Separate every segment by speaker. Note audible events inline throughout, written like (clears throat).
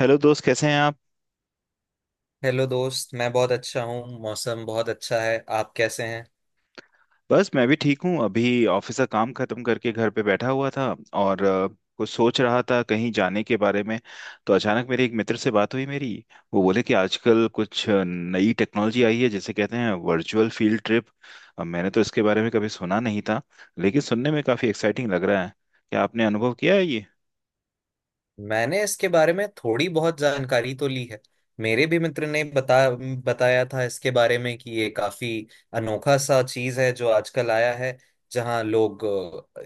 Speaker 1: Hello दोस्त, कैसे हैं आप?
Speaker 2: हेलो दोस्त, मैं बहुत अच्छा हूँ। मौसम बहुत अच्छा है। आप कैसे हैं?
Speaker 1: बस, मैं भी ठीक हूँ। अभी ऑफिस का काम खत्म करके घर पे बैठा हुआ था और कुछ सोच रहा था कहीं जाने के बारे में। तो अचानक मेरे एक मित्र से बात हुई मेरी। वो बोले कि आजकल कुछ नई टेक्नोलॉजी आई है जिसे कहते हैं वर्चुअल फील्ड ट्रिप। अब मैंने तो इसके बारे में कभी सुना नहीं था, लेकिन सुनने में काफ़ी एक्साइटिंग लग रहा है। क्या आपने अनुभव किया है ये?
Speaker 2: मैंने इसके बारे में थोड़ी बहुत जानकारी तो ली है। मेरे भी मित्र ने बताया था इसके बारे में कि ये काफी अनोखा सा चीज है जो आजकल आया है। जहां लोग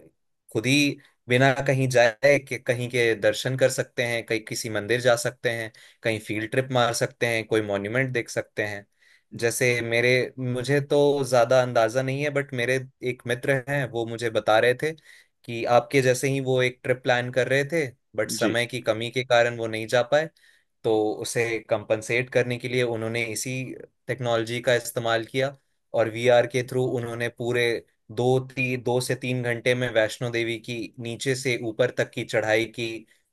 Speaker 2: खुद ही बिना कहीं जाए कि कहीं के दर्शन कर सकते हैं, कहीं किसी मंदिर जा सकते हैं, कहीं फील्ड ट्रिप मार सकते हैं, कोई मॉन्यूमेंट देख सकते हैं। जैसे मेरे मुझे तो ज्यादा अंदाजा नहीं है बट मेरे एक मित्र हैं, वो मुझे बता रहे थे कि आपके जैसे ही वो एक ट्रिप प्लान कर रहे थे बट
Speaker 1: जी।
Speaker 2: समय की कमी के कारण वो नहीं जा पाए। तो उसे कंपनसेट करने के लिए उन्होंने इसी टेक्नोलॉजी का इस्तेमाल किया, और वीआर के थ्रू उन्होंने पूरे 2 से 3 घंटे में वैष्णो देवी की नीचे से ऊपर तक की चढ़ाई की,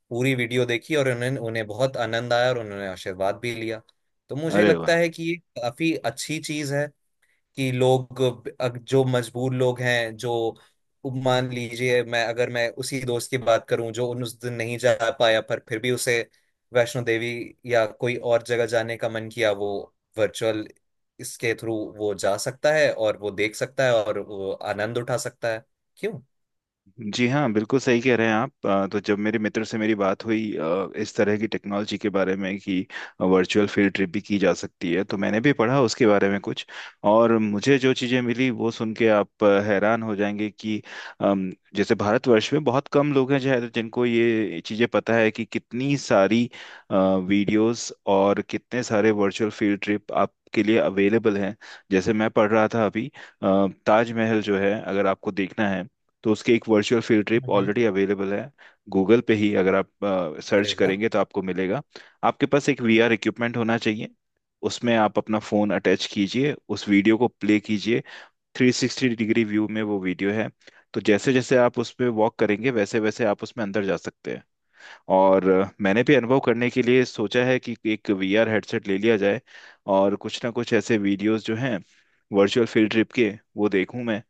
Speaker 2: पूरी वीडियो देखी और उन्हें उन्हें बहुत आनंद आया और उन्होंने आशीर्वाद भी लिया। तो मुझे
Speaker 1: अरे
Speaker 2: लगता
Speaker 1: वाह।
Speaker 2: है कि ये काफी अच्छी चीज है कि लोग, जो मजबूर लोग हैं, जो मान लीजिए, मैं अगर मैं उसी दोस्त की बात करूं जो उन उस दिन नहीं जा पाया, पर फिर भी उसे वैष्णो देवी या कोई और जगह जाने का मन किया, वो वर्चुअल इसके थ्रू वो जा सकता है और वो देख सकता है और वो आनंद उठा सकता है। क्यों?
Speaker 1: जी हाँ, बिल्कुल सही कह रहे हैं आप। तो जब मेरे मित्र से मेरी बात हुई इस तरह की टेक्नोलॉजी के बारे में कि वर्चुअल फील्ड ट्रिप भी की जा सकती है, तो मैंने भी पढ़ा उसके बारे में कुछ। और मुझे जो चीज़ें मिली वो सुन के आप हैरान हो जाएंगे कि जैसे भारतवर्ष में बहुत कम लोग हैं शायद जिनको ये चीज़ें पता है कि कितनी सारी वीडियोस और कितने सारे वर्चुअल फील्ड ट्रिप आप के लिए अवेलेबल हैं। जैसे मैं पढ़ रहा था अभी ताजमहल जो है, अगर आपको देखना है तो उसकी एक वर्चुअल फील्ड ट्रिप
Speaker 2: हम्म।
Speaker 1: ऑलरेडी अवेलेबल है। गूगल पे ही अगर आप
Speaker 2: अरे
Speaker 1: सर्च
Speaker 2: वाह।
Speaker 1: करेंगे तो आपको मिलेगा। आपके पास एक वीआर इक्विपमेंट होना चाहिए। उसमें आप अपना फ़ोन अटैच कीजिए, उस वीडियो को प्ले कीजिए। 360 डिग्री व्यू में वो वीडियो है, तो जैसे जैसे आप उस पर वॉक करेंगे वैसे वैसे आप उसमें अंदर जा सकते हैं। और मैंने भी अनुभव करने के लिए सोचा है कि एक वीआर हेडसेट ले लिया जाए और कुछ ना कुछ ऐसे वीडियोस जो हैं वर्चुअल फील्ड ट्रिप के, वो देखूं मैं।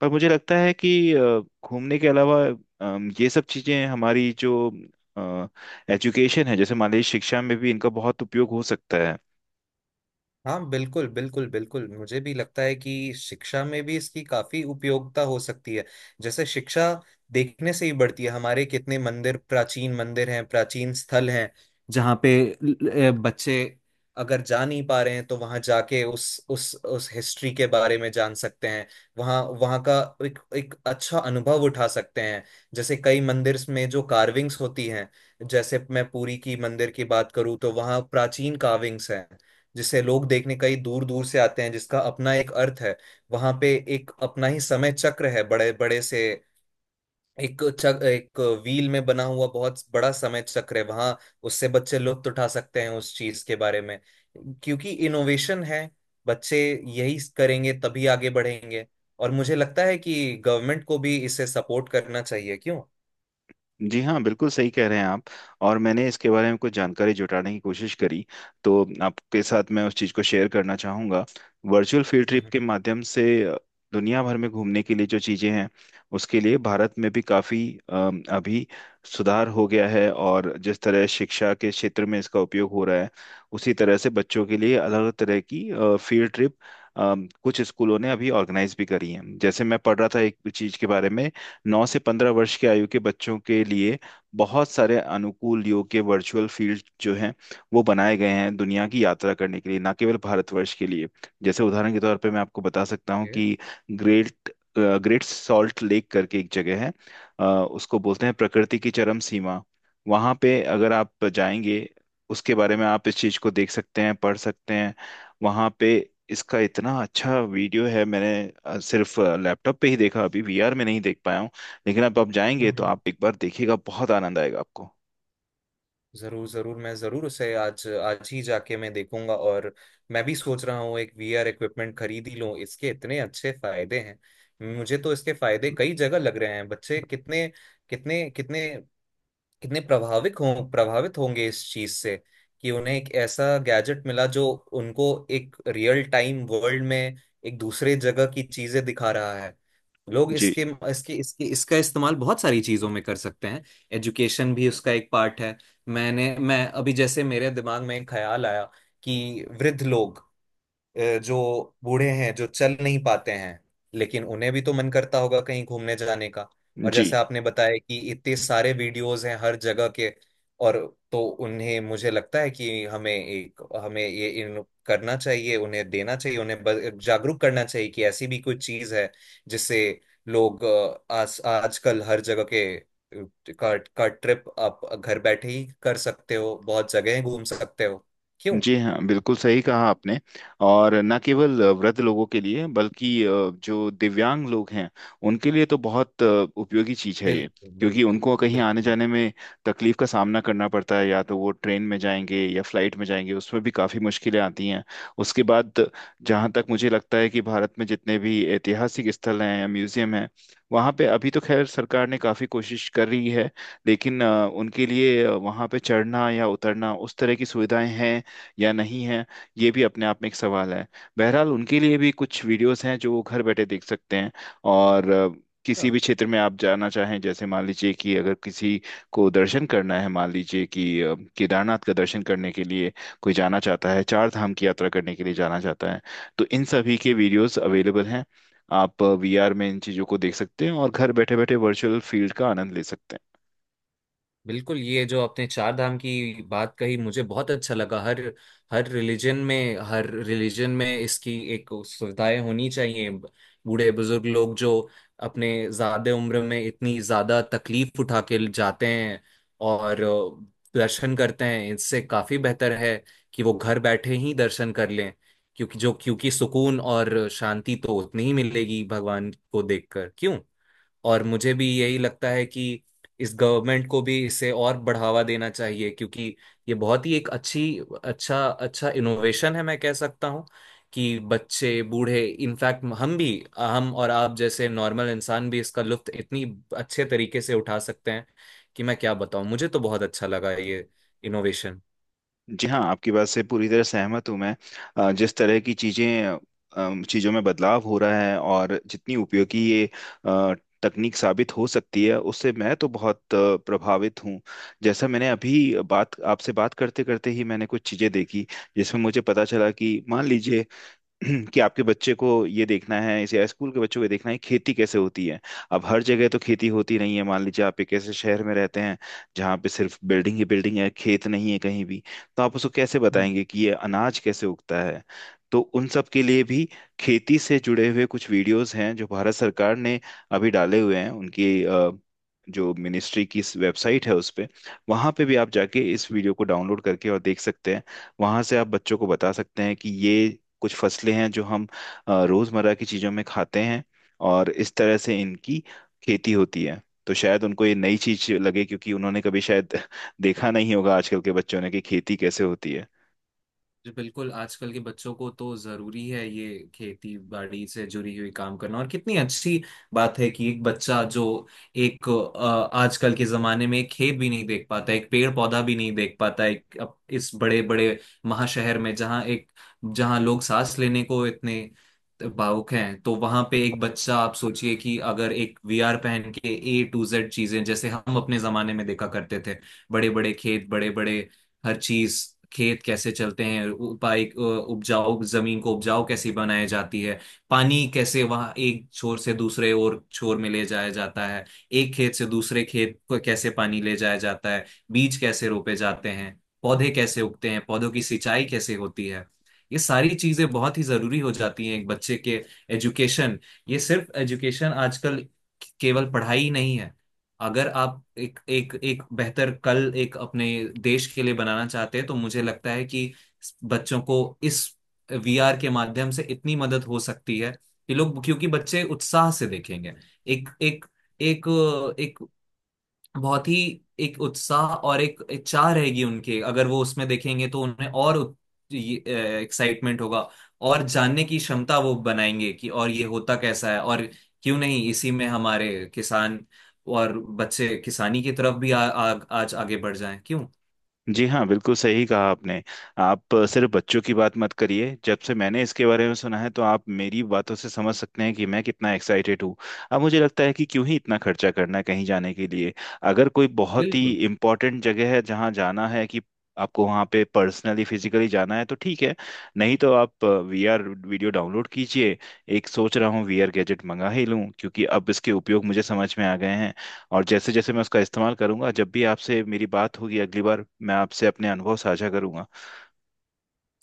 Speaker 1: पर मुझे लगता है कि घूमने के अलावा ये सब चीजें हमारी जो एजुकेशन है, जैसे मान लीजिए शिक्षा में भी इनका बहुत उपयोग हो सकता है।
Speaker 2: हाँ, बिल्कुल, बिल्कुल, बिल्कुल, मुझे भी लगता है कि शिक्षा में भी इसकी काफी उपयोगिता हो सकती है। जैसे शिक्षा देखने से ही बढ़ती है, हमारे कितने मंदिर, प्राचीन मंदिर हैं, प्राचीन स्थल हैं जहाँ पे बच्चे अगर जा नहीं पा रहे हैं, तो वहां जाके उस हिस्ट्री के बारे में जान सकते हैं। वहाँ वहाँ का एक एक अच्छा अनुभव उठा सकते हैं। जैसे कई मंदिर में जो कार्विंग्स होती हैं, जैसे मैं पुरी की मंदिर की बात करूँ तो वहाँ प्राचीन कार्विंग्स हैं जिसे लोग देखने कई दूर दूर से आते हैं, जिसका अपना एक अर्थ है। वहां पे एक अपना ही समय चक्र है, बड़े बड़े से एक व्हील में बना हुआ बहुत बड़ा समय चक्र है वहां। उससे बच्चे लुत्फ उठा सकते हैं उस चीज के बारे में, क्योंकि इनोवेशन है। बच्चे यही करेंगे तभी आगे बढ़ेंगे। और मुझे लगता है कि गवर्नमेंट को भी इसे सपोर्ट करना चाहिए। क्यों?
Speaker 1: जी हाँ, बिल्कुल सही कह रहे हैं आप। और मैंने इसके बारे में कुछ जानकारी जुटाने की कोशिश करी, तो आपके साथ मैं उस चीज़ को शेयर करना चाहूँगा। वर्चुअल फील्ड ट्रिप
Speaker 2: हम्म।
Speaker 1: के माध्यम से दुनिया भर में घूमने के लिए जो चीज़ें हैं, उसके लिए भारत में भी काफ़ी अभी सुधार हो गया है। और जिस तरह शिक्षा के क्षेत्र में इसका उपयोग हो रहा है, उसी तरह से बच्चों के लिए अलग अलग तरह की फील्ड ट्रिप कुछ स्कूलों ने अभी ऑर्गेनाइज भी करी है। जैसे मैं पढ़ रहा था एक चीज़ के बारे में, 9 से 15 वर्ष की आयु के बच्चों के लिए बहुत सारे अनुकूल योग के वर्चुअल फील्ड जो हैं वो बनाए गए हैं दुनिया की यात्रा करने के लिए, ना केवल भारतवर्ष के लिए। जैसे उदाहरण के तौर पे मैं आपको बता सकता हूँ
Speaker 2: हम्म।
Speaker 1: कि ग्रेट ग्रेट सॉल्ट लेक करके एक जगह है। उसको बोलते हैं प्रकृति की चरम सीमा। वहाँ पे अगर आप जाएंगे उसके बारे में, आप इस चीज़ को देख सकते हैं, पढ़ सकते हैं वहाँ पे। इसका इतना अच्छा वीडियो है, मैंने सिर्फ लैपटॉप पे ही देखा, अभी वीआर में नहीं देख पाया हूँ। लेकिन अब आप जाएंगे
Speaker 2: हम्म,
Speaker 1: तो
Speaker 2: हम्म।
Speaker 1: आप एक बार देखिएगा, बहुत आनंद आएगा आपको।
Speaker 2: जरूर, जरूर, मैं जरूर उसे आज आज ही जाके मैं देखूंगा। और मैं भी सोच रहा हूँ एक वीआर इक्विपमेंट खरीद ही लूं, इसके इतने अच्छे फायदे हैं। मुझे तो इसके फायदे कई जगह लग रहे हैं। बच्चे कितने कितने कितने कितने प्रभावित होंगे इस चीज से, कि उन्हें एक ऐसा गैजेट मिला जो उनको एक रियल टाइम वर्ल्ड में एक दूसरे जगह की चीजें दिखा रहा है। लोग
Speaker 1: जी।
Speaker 2: इसके इसके इसके इसका इस्तेमाल बहुत सारी चीजों में कर सकते हैं। एजुकेशन भी उसका एक पार्ट है। मैं अभी जैसे, मेरे दिमाग में एक ख्याल आया कि वृद्ध लोग, जो बूढ़े हैं, जो चल नहीं पाते हैं, लेकिन उन्हें भी तो मन करता होगा कहीं घूमने जाने का। और
Speaker 1: जी।
Speaker 2: जैसे आपने बताया कि इतने सारे वीडियोस हैं हर जगह के, और तो उन्हें, मुझे लगता है कि हमें ये इन करना चाहिए, उन्हें देना चाहिए, उन्हें जागरूक करना चाहिए कि ऐसी भी कोई चीज है जिससे लोग, आज आजकल हर जगह के का ट्रिप आप घर बैठे ही कर सकते हो, बहुत जगह घूम सकते हो। क्यों?
Speaker 1: जी हाँ, बिल्कुल सही कहा आपने। और न केवल वृद्ध लोगों के लिए बल्कि जो दिव्यांग लोग हैं उनके लिए तो बहुत उपयोगी चीज़ है ये।
Speaker 2: बिल्कुल,
Speaker 1: क्योंकि
Speaker 2: बिल्कुल,
Speaker 1: उनको कहीं आने
Speaker 2: बिल्कुल।
Speaker 1: जाने में तकलीफ का सामना करना पड़ता है, या तो वो ट्रेन में जाएंगे या फ्लाइट में जाएंगे, उसमें भी काफ़ी मुश्किलें आती हैं। उसके बाद जहाँ तक मुझे लगता है कि भारत में जितने भी ऐतिहासिक स्थल हैं या म्यूजियम हैं, वहाँ पे अभी तो खैर सरकार ने काफ़ी कोशिश कर रही है। लेकिन उनके लिए वहाँ पे चढ़ना या उतरना उस तरह की सुविधाएं हैं या नहीं है, ये भी अपने आप में एक सवाल है। बहरहाल उनके लिए भी कुछ वीडियोस हैं जो वो घर बैठे देख सकते हैं। और किसी
Speaker 2: हाँ,
Speaker 1: भी क्षेत्र में आप जाना चाहें, जैसे मान लीजिए कि अगर किसी को दर्शन करना है, मान लीजिए कि केदारनाथ का दर्शन करने के लिए कोई जाना चाहता है, चार धाम की यात्रा करने के लिए जाना चाहता है, तो इन सभी के वीडियोस अवेलेबल हैं। आप वीआर में इन चीज़ों को देख सकते हैं और घर बैठे बैठे वर्चुअल फील्ड का आनंद ले सकते हैं।
Speaker 2: बिल्कुल, ये जो आपने चार धाम की बात कही मुझे बहुत अच्छा लगा। हर हर रिलीजन में, हर रिलीजन में इसकी एक सुविधाएं होनी चाहिए। बूढ़े बुजुर्ग लोग जो अपने ज्यादा उम्र में इतनी ज्यादा तकलीफ उठा के जाते हैं और दर्शन करते हैं, इससे काफी बेहतर है कि वो घर बैठे ही दर्शन कर लें। क्योंकि सुकून और शांति तो उतनी ही मिलेगी भगवान को देखकर। क्यों? और मुझे भी यही लगता है कि इस गवर्नमेंट को भी इसे और बढ़ावा देना चाहिए, क्योंकि ये बहुत ही एक अच्छी अच्छा अच्छा इनोवेशन है, मैं कह सकता हूँ, कि बच्चे, बूढ़े, इनफैक्ट हम और आप जैसे नॉर्मल इंसान भी इसका लुत्फ इतनी अच्छे तरीके से उठा सकते हैं कि मैं क्या बताऊं। मुझे तो बहुत अच्छा लगा ये इनोवेशन।
Speaker 1: जी हाँ, आपकी बात से पूरी तरह सहमत हूँ मैं। जिस तरह की चीज़ें चीज़ों में बदलाव हो रहा है और जितनी उपयोगी ये अ, तकनीक साबित हो सकती है, उससे मैं तो बहुत प्रभावित हूँ। जैसा मैंने अभी बात आपसे बात करते करते ही मैंने कुछ चीज़ें देखी, जिसमें मुझे पता चला कि मान लीजिए (clears throat) कि आपके बच्चे को ये देखना है या स्कूल के बच्चों को ये देखना है खेती कैसे होती है। अब हर जगह तो खेती होती नहीं है। मान लीजिए आप एक ऐसे शहर में रहते हैं जहाँ पे सिर्फ बिल्डिंग ही बिल्डिंग है, खेत नहीं है कहीं भी। तो आप उसको कैसे बताएंगे कि ये अनाज कैसे उगता है? तो उन सब के लिए भी खेती से जुड़े हुए कुछ वीडियोस हैं जो भारत सरकार ने अभी डाले हुए हैं। उनकी जो मिनिस्ट्री की वेबसाइट है उस पे, वहाँ पे भी आप जाके इस वीडियो को डाउनलोड करके और देख सकते हैं। वहाँ से आप बच्चों को बता सकते हैं कि ये कुछ फसलें हैं जो हम रोजमर्रा की चीजों में खाते हैं और इस तरह से इनकी खेती होती है। तो शायद उनको ये नई चीज लगे, क्योंकि उन्होंने कभी शायद देखा नहीं होगा आजकल के बच्चों ने कि खेती कैसे होती है।
Speaker 2: जी, बिल्कुल, आजकल के बच्चों को तो जरूरी है ये खेती बाड़ी से जुड़ी हुई काम करना। और कितनी अच्छी बात है कि एक बच्चा जो, एक, आजकल के जमाने में एक खेत भी नहीं देख पाता, एक पेड़ पौधा भी नहीं देख पाता, एक अब इस बड़े बड़े महाशहर में जहाँ लोग सांस लेने को इतने भावुक हैं, तो वहां पे एक बच्चा, आप सोचिए कि अगर एक वीआर पहन के A to Z चीजें जैसे हम अपने जमाने में देखा करते थे, बड़े बड़े खेत, बड़े बड़े हर चीज। खेत कैसे चलते हैं, उपाय उपजाऊ जमीन को उपजाऊ कैसी बनाई जाती है, पानी कैसे वहां एक छोर से दूसरे और छोर में ले जाया जाता है, एक खेत से दूसरे खेत को कैसे पानी ले जाया जाता है, बीज कैसे रोपे जाते हैं, पौधे कैसे उगते हैं, पौधों की सिंचाई कैसे होती है। ये सारी चीजें बहुत ही जरूरी हो जाती हैं एक बच्चे के एजुकेशन। ये सिर्फ एजुकेशन, आजकल केवल पढ़ाई ही नहीं है। अगर आप एक एक एक बेहतर कल, एक अपने देश के लिए बनाना चाहते हैं तो मुझे लगता है कि बच्चों को इस वीआर के माध्यम से इतनी मदद हो सकती है कि लोग, क्योंकि बच्चे उत्साह से देखेंगे। एक एक एक एक बहुत ही, एक उत्साह और एक इच्छा रहेगी उनके, अगर वो उसमें देखेंगे तो उन्हें और एक्साइटमेंट होगा, और जानने की क्षमता वो बनाएंगे कि और ये होता कैसा है, और क्यों नहीं इसी में हमारे किसान और बच्चे किसानी की तरफ भी आ, आ, आज आगे बढ़ जाएं। क्यों?
Speaker 1: जी हाँ, बिल्कुल सही कहा आपने। आप सिर्फ बच्चों की बात मत करिए, जब से मैंने इसके बारे में सुना है तो आप मेरी बातों से समझ सकते हैं कि मैं कितना एक्साइटेड हूँ। अब मुझे लगता है कि क्यों ही इतना खर्चा करना कहीं जाने के लिए। अगर कोई बहुत ही
Speaker 2: बिल्कुल।
Speaker 1: इम्पोर्टेंट जगह है जहाँ जाना है कि आपको वहाँ पे पर्सनली फिजिकली जाना है, तो ठीक है, नहीं तो आप वीआर वीडियो डाउनलोड कीजिए। एक सोच रहा हूँ वीआर गैजेट मंगा ही लूँ, क्योंकि अब इसके उपयोग मुझे समझ में आ गए हैं। और जैसे जैसे मैं उसका इस्तेमाल करूंगा, जब भी आपसे मेरी बात होगी अगली बार, मैं आपसे अपने अनुभव साझा करूंगा।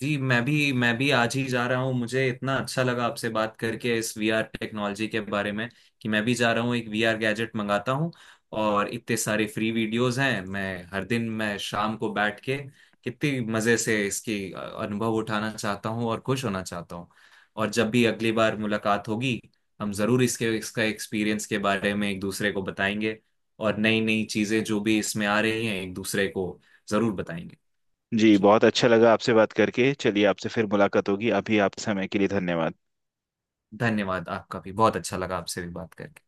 Speaker 2: जी, मैं भी आज ही जा रहा हूँ, मुझे इतना अच्छा लगा आपसे बात करके इस वीआर टेक्नोलॉजी के बारे में, कि मैं भी जा रहा हूँ, एक वीआर गैजेट मंगाता हूँ। और इतने सारे फ्री वीडियोस हैं, मैं हर दिन, मैं शाम को बैठ के कितनी मज़े से इसकी अनुभव उठाना चाहता हूँ और खुश होना चाहता हूँ। और जब भी अगली बार मुलाकात होगी हम ज़रूर इसके इसका एक्सपीरियंस के बारे में एक दूसरे को बताएंगे, और नई नई चीज़ें जो भी इसमें आ रही हैं एक दूसरे को ज़रूर बताएंगे।
Speaker 1: जी,
Speaker 2: जी,
Speaker 1: बहुत अच्छा लगा आपसे बात करके। चलिए, आपसे फिर मुलाकात होगी। अभी आप समय के लिए धन्यवाद।
Speaker 2: धन्यवाद। आपका भी बहुत अच्छा लगा आपसे भी बात करके।